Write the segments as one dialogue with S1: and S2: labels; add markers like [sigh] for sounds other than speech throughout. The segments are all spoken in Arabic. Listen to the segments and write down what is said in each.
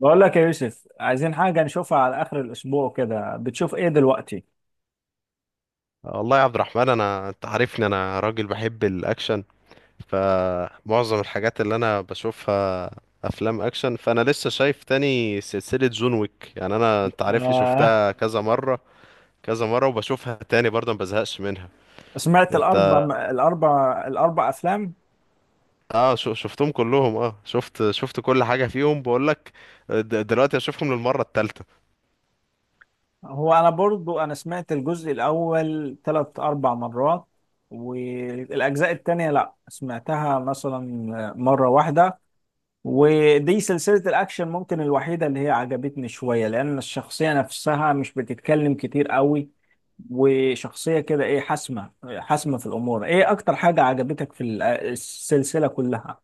S1: بقول لك يا يوسف، عايزين حاجة نشوفها على آخر الأسبوع كده. بتشوف إيه دلوقتي؟
S2: والله يا عبد الرحمن، انت عارفني، انا راجل بحب الاكشن. فمعظم الحاجات اللي انا بشوفها افلام اكشن. فانا لسه شايف تاني سلسلة جون ويك. يعني انت عارفني،
S1: آه.
S2: شفتها كذا مرة كذا مرة، وبشوفها تاني برضه ما بزهقش منها.
S1: سمعت
S2: انت.
S1: الأربع أفلام؟
S2: اه، شفتهم كلهم. اه، شفت كل حاجة فيهم. بقول لك دلوقتي اشوفهم للمرة الثالثة.
S1: هو أنا برضو أنا سمعت الجزء الأول ثلاث أربع مرات. والأجزاء التانية لأ، سمعتها مثلا مرة واحدة. ودي سلسلة الأكشن ممكن الوحيدة اللي هي عجبتني شوية، لأن الشخصية نفسها مش بتتكلم كتير قوي، وشخصية كده ايه، حاسمة. حاسمة في الأمور. ايه أكتر حاجة عجبتك في السلسلة كلها؟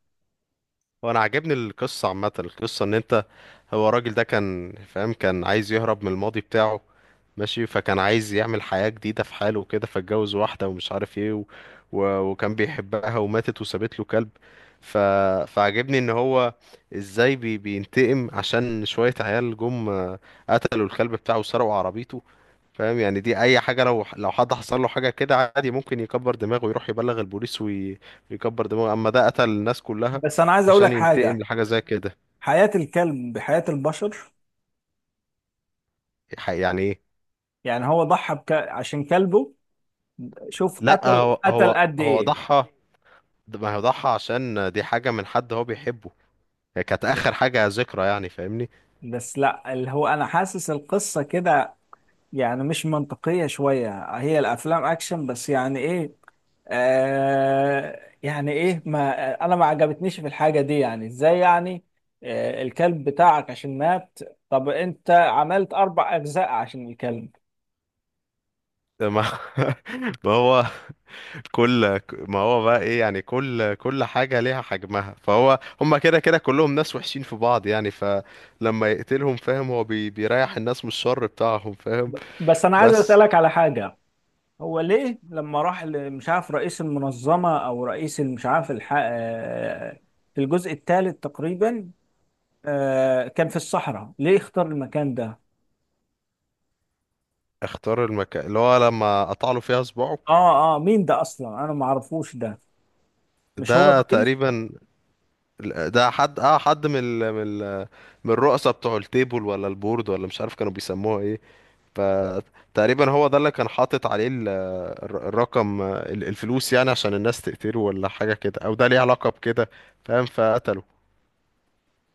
S2: وانا عاجبني القصة عامة. القصة ان انت، هو الراجل ده كان فاهم، كان عايز يهرب من الماضي بتاعه. ماشي، فكان عايز يعمل حياة جديدة في حاله وكده، فاتجوز واحدة ومش عارف ايه و... و... وكان بيحبها وماتت وسابت له كلب. ف... فعجبني ان هو ازاي بينتقم عشان شوية عيال جم قتلوا الكلب بتاعه وسرقوا عربيته. فاهم؟ يعني دي اي حاجة، لو حد حصل له حاجة كده عادي ممكن يكبر دماغه ويروح يبلغ البوليس ويكبر، يكبر دماغه، اما ده قتل الناس كلها
S1: بس أنا عايز
S2: عشان
S1: أقولك
S2: ينتقم
S1: حاجة،
S2: لحاجة زي كده.
S1: حياة الكلب بحياة البشر.
S2: يعني ايه؟
S1: يعني هو ضحى عشان كلبه. شوف
S2: لا،
S1: قتل،
S2: هو
S1: قتل
S2: هو
S1: قد
S2: هو
S1: ايه.
S2: ضحى. ما هو ضحى عشان دي حاجة من حد هو بيحبه، هي كانت آخر حاجة ذكرى، يعني فاهمني.
S1: بس لا، اللي هو أنا حاسس القصة كده يعني مش منطقية شوية. هي الأفلام أكشن، بس يعني إيه؟ يعني إيه؟ ما أنا ما عجبتنيش في الحاجة دي. يعني إزاي يعني؟ آه، الكلب بتاعك عشان مات، طب أنت عملت أربع أجزاء عشان الكلب؟
S2: ما [laughs] ما هو كل ما هو بقى إيه؟ يعني كل حاجة ليها حجمها. هما كده كده كلهم ناس وحشين في بعض. يعني فلما يقتلهم، فاهم، هو بيريح الناس من الشر بتاعهم، فاهم؟
S1: بس أنا عايز
S2: بس
S1: أسألك على حاجة. هو ليه لما راح مش عارف رئيس المنظمة، أو رئيس مش عارف الح... آه في الجزء الثالث تقريبا، آه كان في الصحراء، ليه اختار المكان ده؟
S2: اختار المكان اللي هو لما قطع له فيها صباعه.
S1: اه اه، مين ده اصلا؟ انا ما اعرفوش ده. مش هو
S2: ده
S1: الرئيس؟
S2: تقريبا، ده حد من الرؤساء بتوع التيبل ولا البورد، ولا مش عارف كانوا بيسموها ايه. فتقريبا هو ده اللي كان حاطط عليه الفلوس، يعني عشان الناس تقتله ولا حاجة كده، او ده ليه علاقة بكده، فاهم؟ فقتله.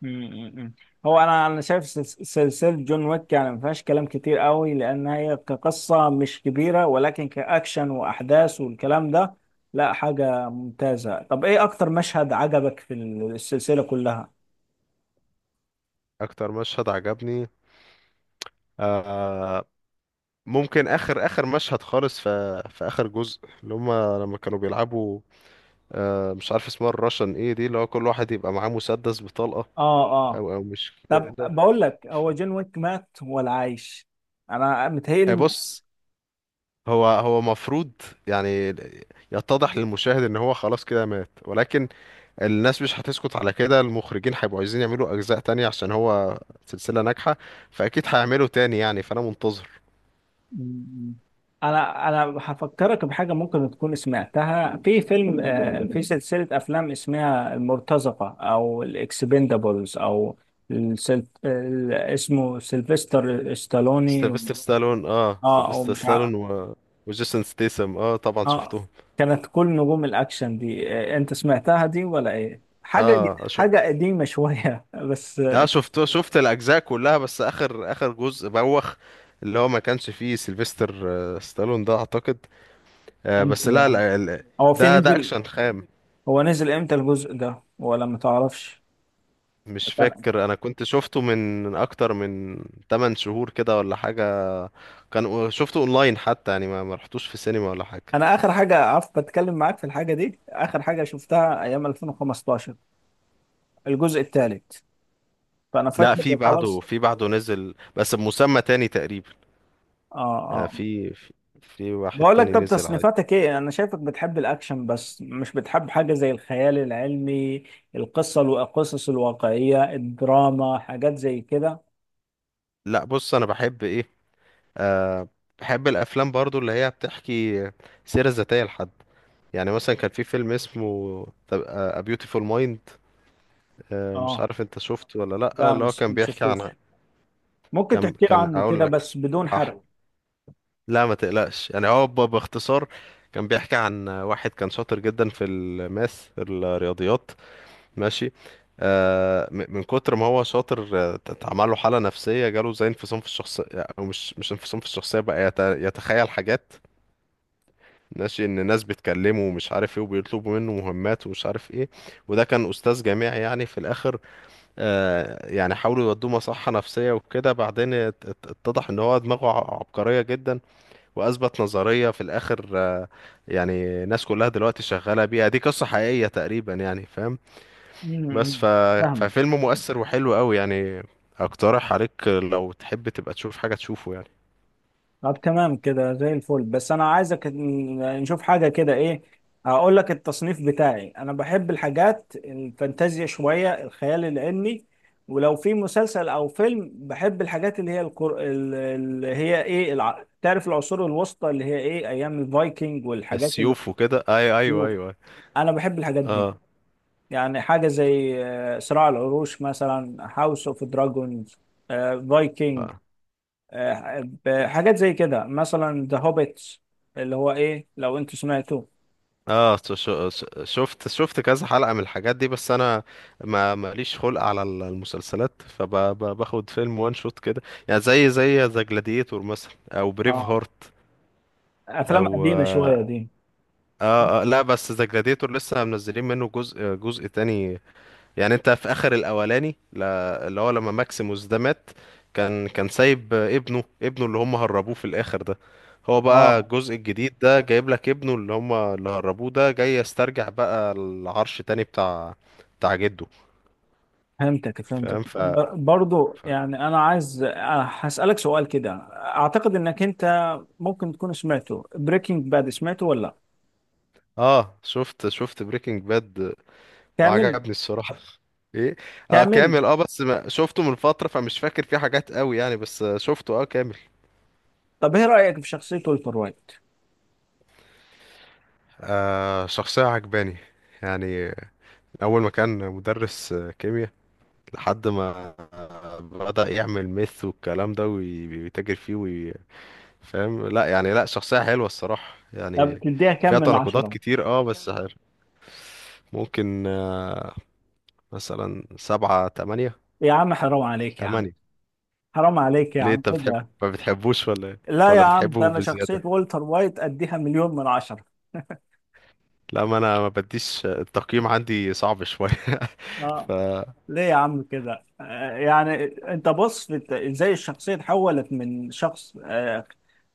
S1: امم هو انا شايف سلسله جون ويك، يعني ما فيهاش كلام كتير قوي، لان هي كقصه مش كبيره، ولكن كاكشن واحداث والكلام ده، لا حاجه ممتازه. طب ايه اكتر مشهد عجبك في السلسله كلها؟
S2: اكتر مشهد عجبني، آه، ممكن اخر اخر مشهد خالص في اخر جزء، اللي هم لما كانوا بيلعبوا، مش عارف اسمها الراشن ايه دي، اللي هو كل واحد يبقى معاه مسدس بطلقة،
S1: اه. اه.
S2: او مش
S1: طب
S2: كده.
S1: بقول لك، هو جون ويك مات ولا عايش؟ انا متهيألي.
S2: بص، هو مفروض يعني يتضح للمشاهد ان هو خلاص كده مات، ولكن الناس مش هتسكت على كده. المخرجين هيبقوا عايزين يعملوا اجزاء تانية عشان هو سلسلة ناجحة، فاكيد هيعملوا تاني. يعني فانا منتظر.
S1: م- م. انا هفكرك بحاجه ممكن تكون سمعتها في فيلم، في سلسله افلام اسمها المرتزقه او الاكسبندابلز، او اسمه سيلفستر ستالوني.
S2: سيلفستر ستالون اه
S1: اه، او
S2: سيلفستر
S1: مش عارف.
S2: ستالون و... وجيسون ستيسم، طبعا
S1: اه،
S2: شفتهم.
S1: كانت كل نجوم الاكشن دي. انت سمعتها دي ولا ايه حاجه؟
S2: اه،
S1: حاجه قديمه شويه [laughs] بس
S2: اه، شفت الاجزاء كلها. بس اخر اخر جزء بوخ اللي هو ما كانش فيه سيلفستر ستالون ده اعتقد.
S1: امتى
S2: بس لا،
S1: يعني؟
S2: لا،
S1: هو في
S2: ده
S1: نزل،
S2: اكشن خام.
S1: هو نزل امتى الجزء ده، ولا ما تعرفش؟
S2: مش فاكر، انا كنت شفته من اكتر من 8 شهور كده ولا حاجة. كان شفته اونلاين حتى، يعني ما رحتوش في السينما ولا حاجه.
S1: انا اخر حاجه عارف بتكلم معاك في الحاجه دي، اخر حاجه شفتها ايام 2015، الجزء الثالث، فانا
S2: لا، في
S1: فاكر
S2: بعده
S1: خلاص.
S2: في بعده نزل بس بمسمى تاني تقريبا.
S1: اه.
S2: يعني
S1: اه.
S2: في واحد
S1: بقول لك،
S2: تاني
S1: طب
S2: نزل عادي.
S1: تصنيفاتك ايه؟ انا شايفك بتحب الاكشن، بس مش بتحب حاجه زي الخيال العلمي، القصه، القصص الواقعيه، الدراما، حاجات زي كده.
S2: لا بص، انا بحب ايه، أه بحب الافلام برضو اللي هي بتحكي سيره ذاتيه لحد. يعني مثلا كان في فيلم اسمه A Beautiful Mind. مش
S1: اه
S2: عارف انت شفته ولا لا،
S1: لا،
S2: اللي هو
S1: مش
S2: كان بيحكي عن،
S1: مشفتوش. ممكن
S2: كان
S1: تحكي لي
S2: كان
S1: عنه
S2: اقول
S1: كده
S2: لك،
S1: بس بدون حرق.
S2: لا ما تقلقش، يعني هو باختصار كان بيحكي عن واحد كان شاطر جدا في الماس الرياضيات. ماشي، من كتر ما هو شاطر، اتعمل له حالة نفسية، جاله زي انفصام في الشخصية. او مش انفصام في الشخصية بقى، يتخيل حاجات، ماشي ان ناس بتكلمه ومش عارف ايه، وبيطلبوا منه مهمات ومش عارف ايه. وده كان استاذ جامعي يعني، في الاخر، يعني حاولوا يودوه مصحة نفسية وكده، بعدين اتضح ان هو دماغه عبقرية جدا، واثبت نظريه في الاخر. يعني الناس كلها دلوقتي شغاله بيها، دي قصه حقيقيه تقريبا يعني، فاهم؟ بس
S1: امم فاهمك.
S2: ففيلم مؤثر وحلو قوي يعني. اقترح عليك لو تحب تبقى تشوف حاجه تشوفه يعني.
S1: طب تمام كده زي الفل، بس انا عايزك نشوف حاجه كده، ايه، هقول لك التصنيف بتاعي. انا بحب الحاجات الفانتازيا شويه، الخيال العلمي، ولو في مسلسل او فيلم بحب الحاجات اللي هي اللي هي ايه تعرف العصور الوسطى، اللي هي ايه ايام الفايكنج، والحاجات اللي
S2: السيوف وكده؟ ايوه، ايوه.
S1: انا بحب الحاجات دي.
S2: اه،
S1: يعني حاجه زي صراع العروش مثلا، هاوس اوف دراجونز، فايكنج،
S2: اه.
S1: بحاجات زي كده مثلا ذا هوبيتس، اللي هو ايه لو انت سمعته.
S2: شفت كذا حلقه من الحاجات دي، بس انا ما ماليش خلق على المسلسلات. فباخد فيلم وان شوت كده، يعني زي ذا جلاديتور مثلا او بريف
S1: اه،
S2: هارت.
S1: افلام
S2: او
S1: قديمه شويه دي.
S2: اه، اه. لا بس ذا جلاديتور لسه منزلين منه جزء تاني. يعني انت في اخر الاولاني، لا اللي هو لما ماكسيموس ده مات، كان سايب ابنه اللي هم هربوه في الاخر ده. هو بقى
S1: اه،
S2: الجزء الجديد ده جايب لك ابنه اللي هربوه ده، جاي يسترجع بقى العرش تاني بتاع جده.
S1: فهمتك فهمتك.
S2: فاهم؟
S1: برضو
S2: ف...
S1: يعني انا عايز هسألك سؤال كده. اعتقد انك انت ممكن تكون سمعته، بريكنج باد، سمعته ولا لأ؟
S2: اه، شفت بريكنج باد
S1: كامل.
S2: وعجبني الصراحة. [laughs] ايه؟ اه
S1: كامل.
S2: كامل. اه بس ما شفته من فترة، فمش فاكر فيه حاجات قوي يعني، بس شفته اه كامل.
S1: طب ايه رأيك في شخصية ولتر وايت؟
S2: شخصية عجباني يعني. أول ما كان مدرس كيمياء، لحد ما بدأ يعمل ميث والكلام ده ويتاجر فيه فاهم. لا يعني، لا شخصية حلوة الصراحة
S1: طب
S2: يعني،
S1: تديها كام
S2: فيها
S1: من
S2: تناقضات
S1: عشرة؟
S2: كتير، بس حلو. ممكن، مثلا سبعة تمانية.
S1: يا عم حرام عليك يا عم،
S2: تمانية.
S1: حرام عليك يا
S2: ليه،
S1: عم
S2: انت بتحب؟
S1: كده.
S2: ما بتحبوش ولا إيه؟
S1: لا يا
S2: ولا
S1: عم، ده
S2: بتحبه
S1: انا شخصية
S2: بزيادة؟
S1: ولتر وايت اديها مليون من عشرة.
S2: لا، ما انا ما بديش التقييم، عندي صعب شوية. [laughs] ف
S1: اه. ليه يا عم كده؟ يعني انت بص ازاي الشخصية اتحولت من شخص آه،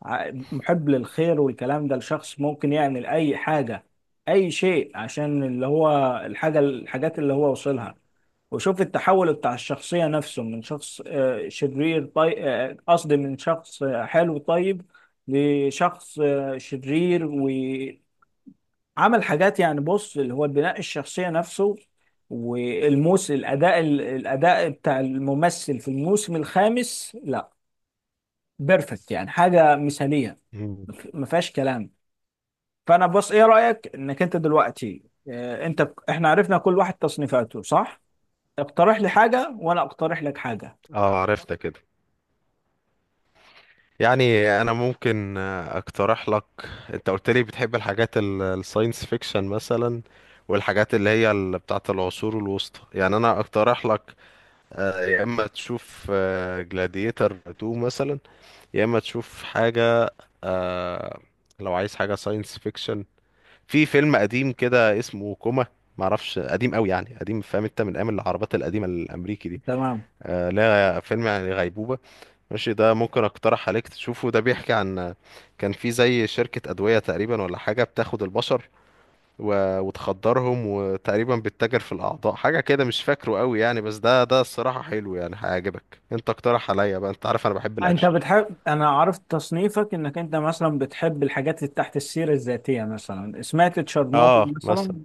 S1: ع- محب للخير والكلام ده لشخص ممكن يعمل اي حاجة، اي شيء، عشان اللي هو الحاجة، الحاجات اللي هو وصلها. وشوف التحول بتاع الشخصية نفسه من شخص شرير طيب، قصدي من شخص حلو طيب لشخص شرير. عمل حاجات، يعني بص اللي هو البناء الشخصية نفسه، والموسم، الأداء، الأداء بتاع الممثل في الموسم الخامس، لا بيرفكت، يعني حاجة مثالية
S2: مم.
S1: ما فيهاش كلام. فأنا بص، إيه رأيك إنك أنت دلوقتي، أنت، إحنا عرفنا كل واحد تصنيفاته، صح؟ اقترح لي حاجة وأنا أقترح لك حاجة.
S2: اه عرفتك. يعني انا ممكن اقترح لك، انت قلت لي بتحب الحاجات الساينس فيكشن مثلا، والحاجات اللي هي بتاعه العصور الوسطى. يعني انا اقترح لك يا اما تشوف جلاديتر 2 مثلا، يا اما تشوف حاجه، آه، لو عايز حاجه ساينس فيكشن، في فيلم قديم كده اسمه كوما. معرفش قديم قوي يعني، قديم فاهم انت، من ايام العربات القديمه الامريكي دي.
S1: تمام.
S2: لا فيلم يعني غيبوبه. ماشي، ده ممكن اقترح عليك تشوفه، ده بيحكي عن كان في زي شركة أدوية تقريبا ولا حاجة بتاخد البشر و... وتخدرهم، وتقريبا بتتاجر في الأعضاء، حاجة كده مش فاكره قوي يعني، بس ده الصراحة حلو يعني، هيعجبك. انت اقترح عليا بقى، انت عارف انا بحب
S1: أنت
S2: الأكشن.
S1: بتحب، أنا عرفت تصنيفك، إنك أنت مثلا بتحب الحاجات اللي تحت السيرة الذاتية. مثلا سمعت تشيرنوبل؟
S2: اه مثلا.
S1: مثلا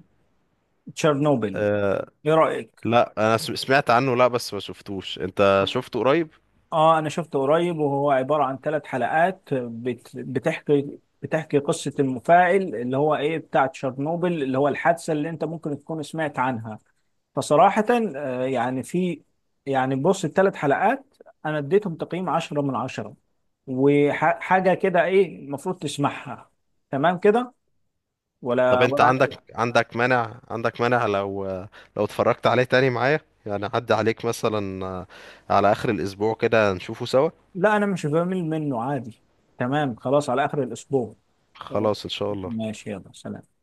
S1: تشيرنوبل،
S2: آه
S1: ايه رأيك؟
S2: لا، انا سمعت عنه، لا بس ما شفتوش. انت شفته قريب؟
S1: اه، انا شفته قريب، وهو عبارة عن ثلاث حلقات بتحكي قصة المفاعل اللي هو ايه بتاع تشيرنوبل، اللي هو الحادثة اللي انت ممكن تكون سمعت عنها. فصراحة، يعني في، يعني بص الثلاث حلقات انا اديتهم تقييم 10/10. وحاجة كده ايه المفروض تسمعها. تمام كده،
S2: طب
S1: ولا
S2: انت
S1: ولا؟
S2: عندك مانع لو اتفرجت عليه تاني معايا، يعني عدى عليك مثلا على آخر الأسبوع كده نشوفه سوا.
S1: لا انا مش بمل منه عادي. تمام خلاص، على اخر الاسبوع.
S2: خلاص ان شاء الله.
S1: ماشي، يلا سلام.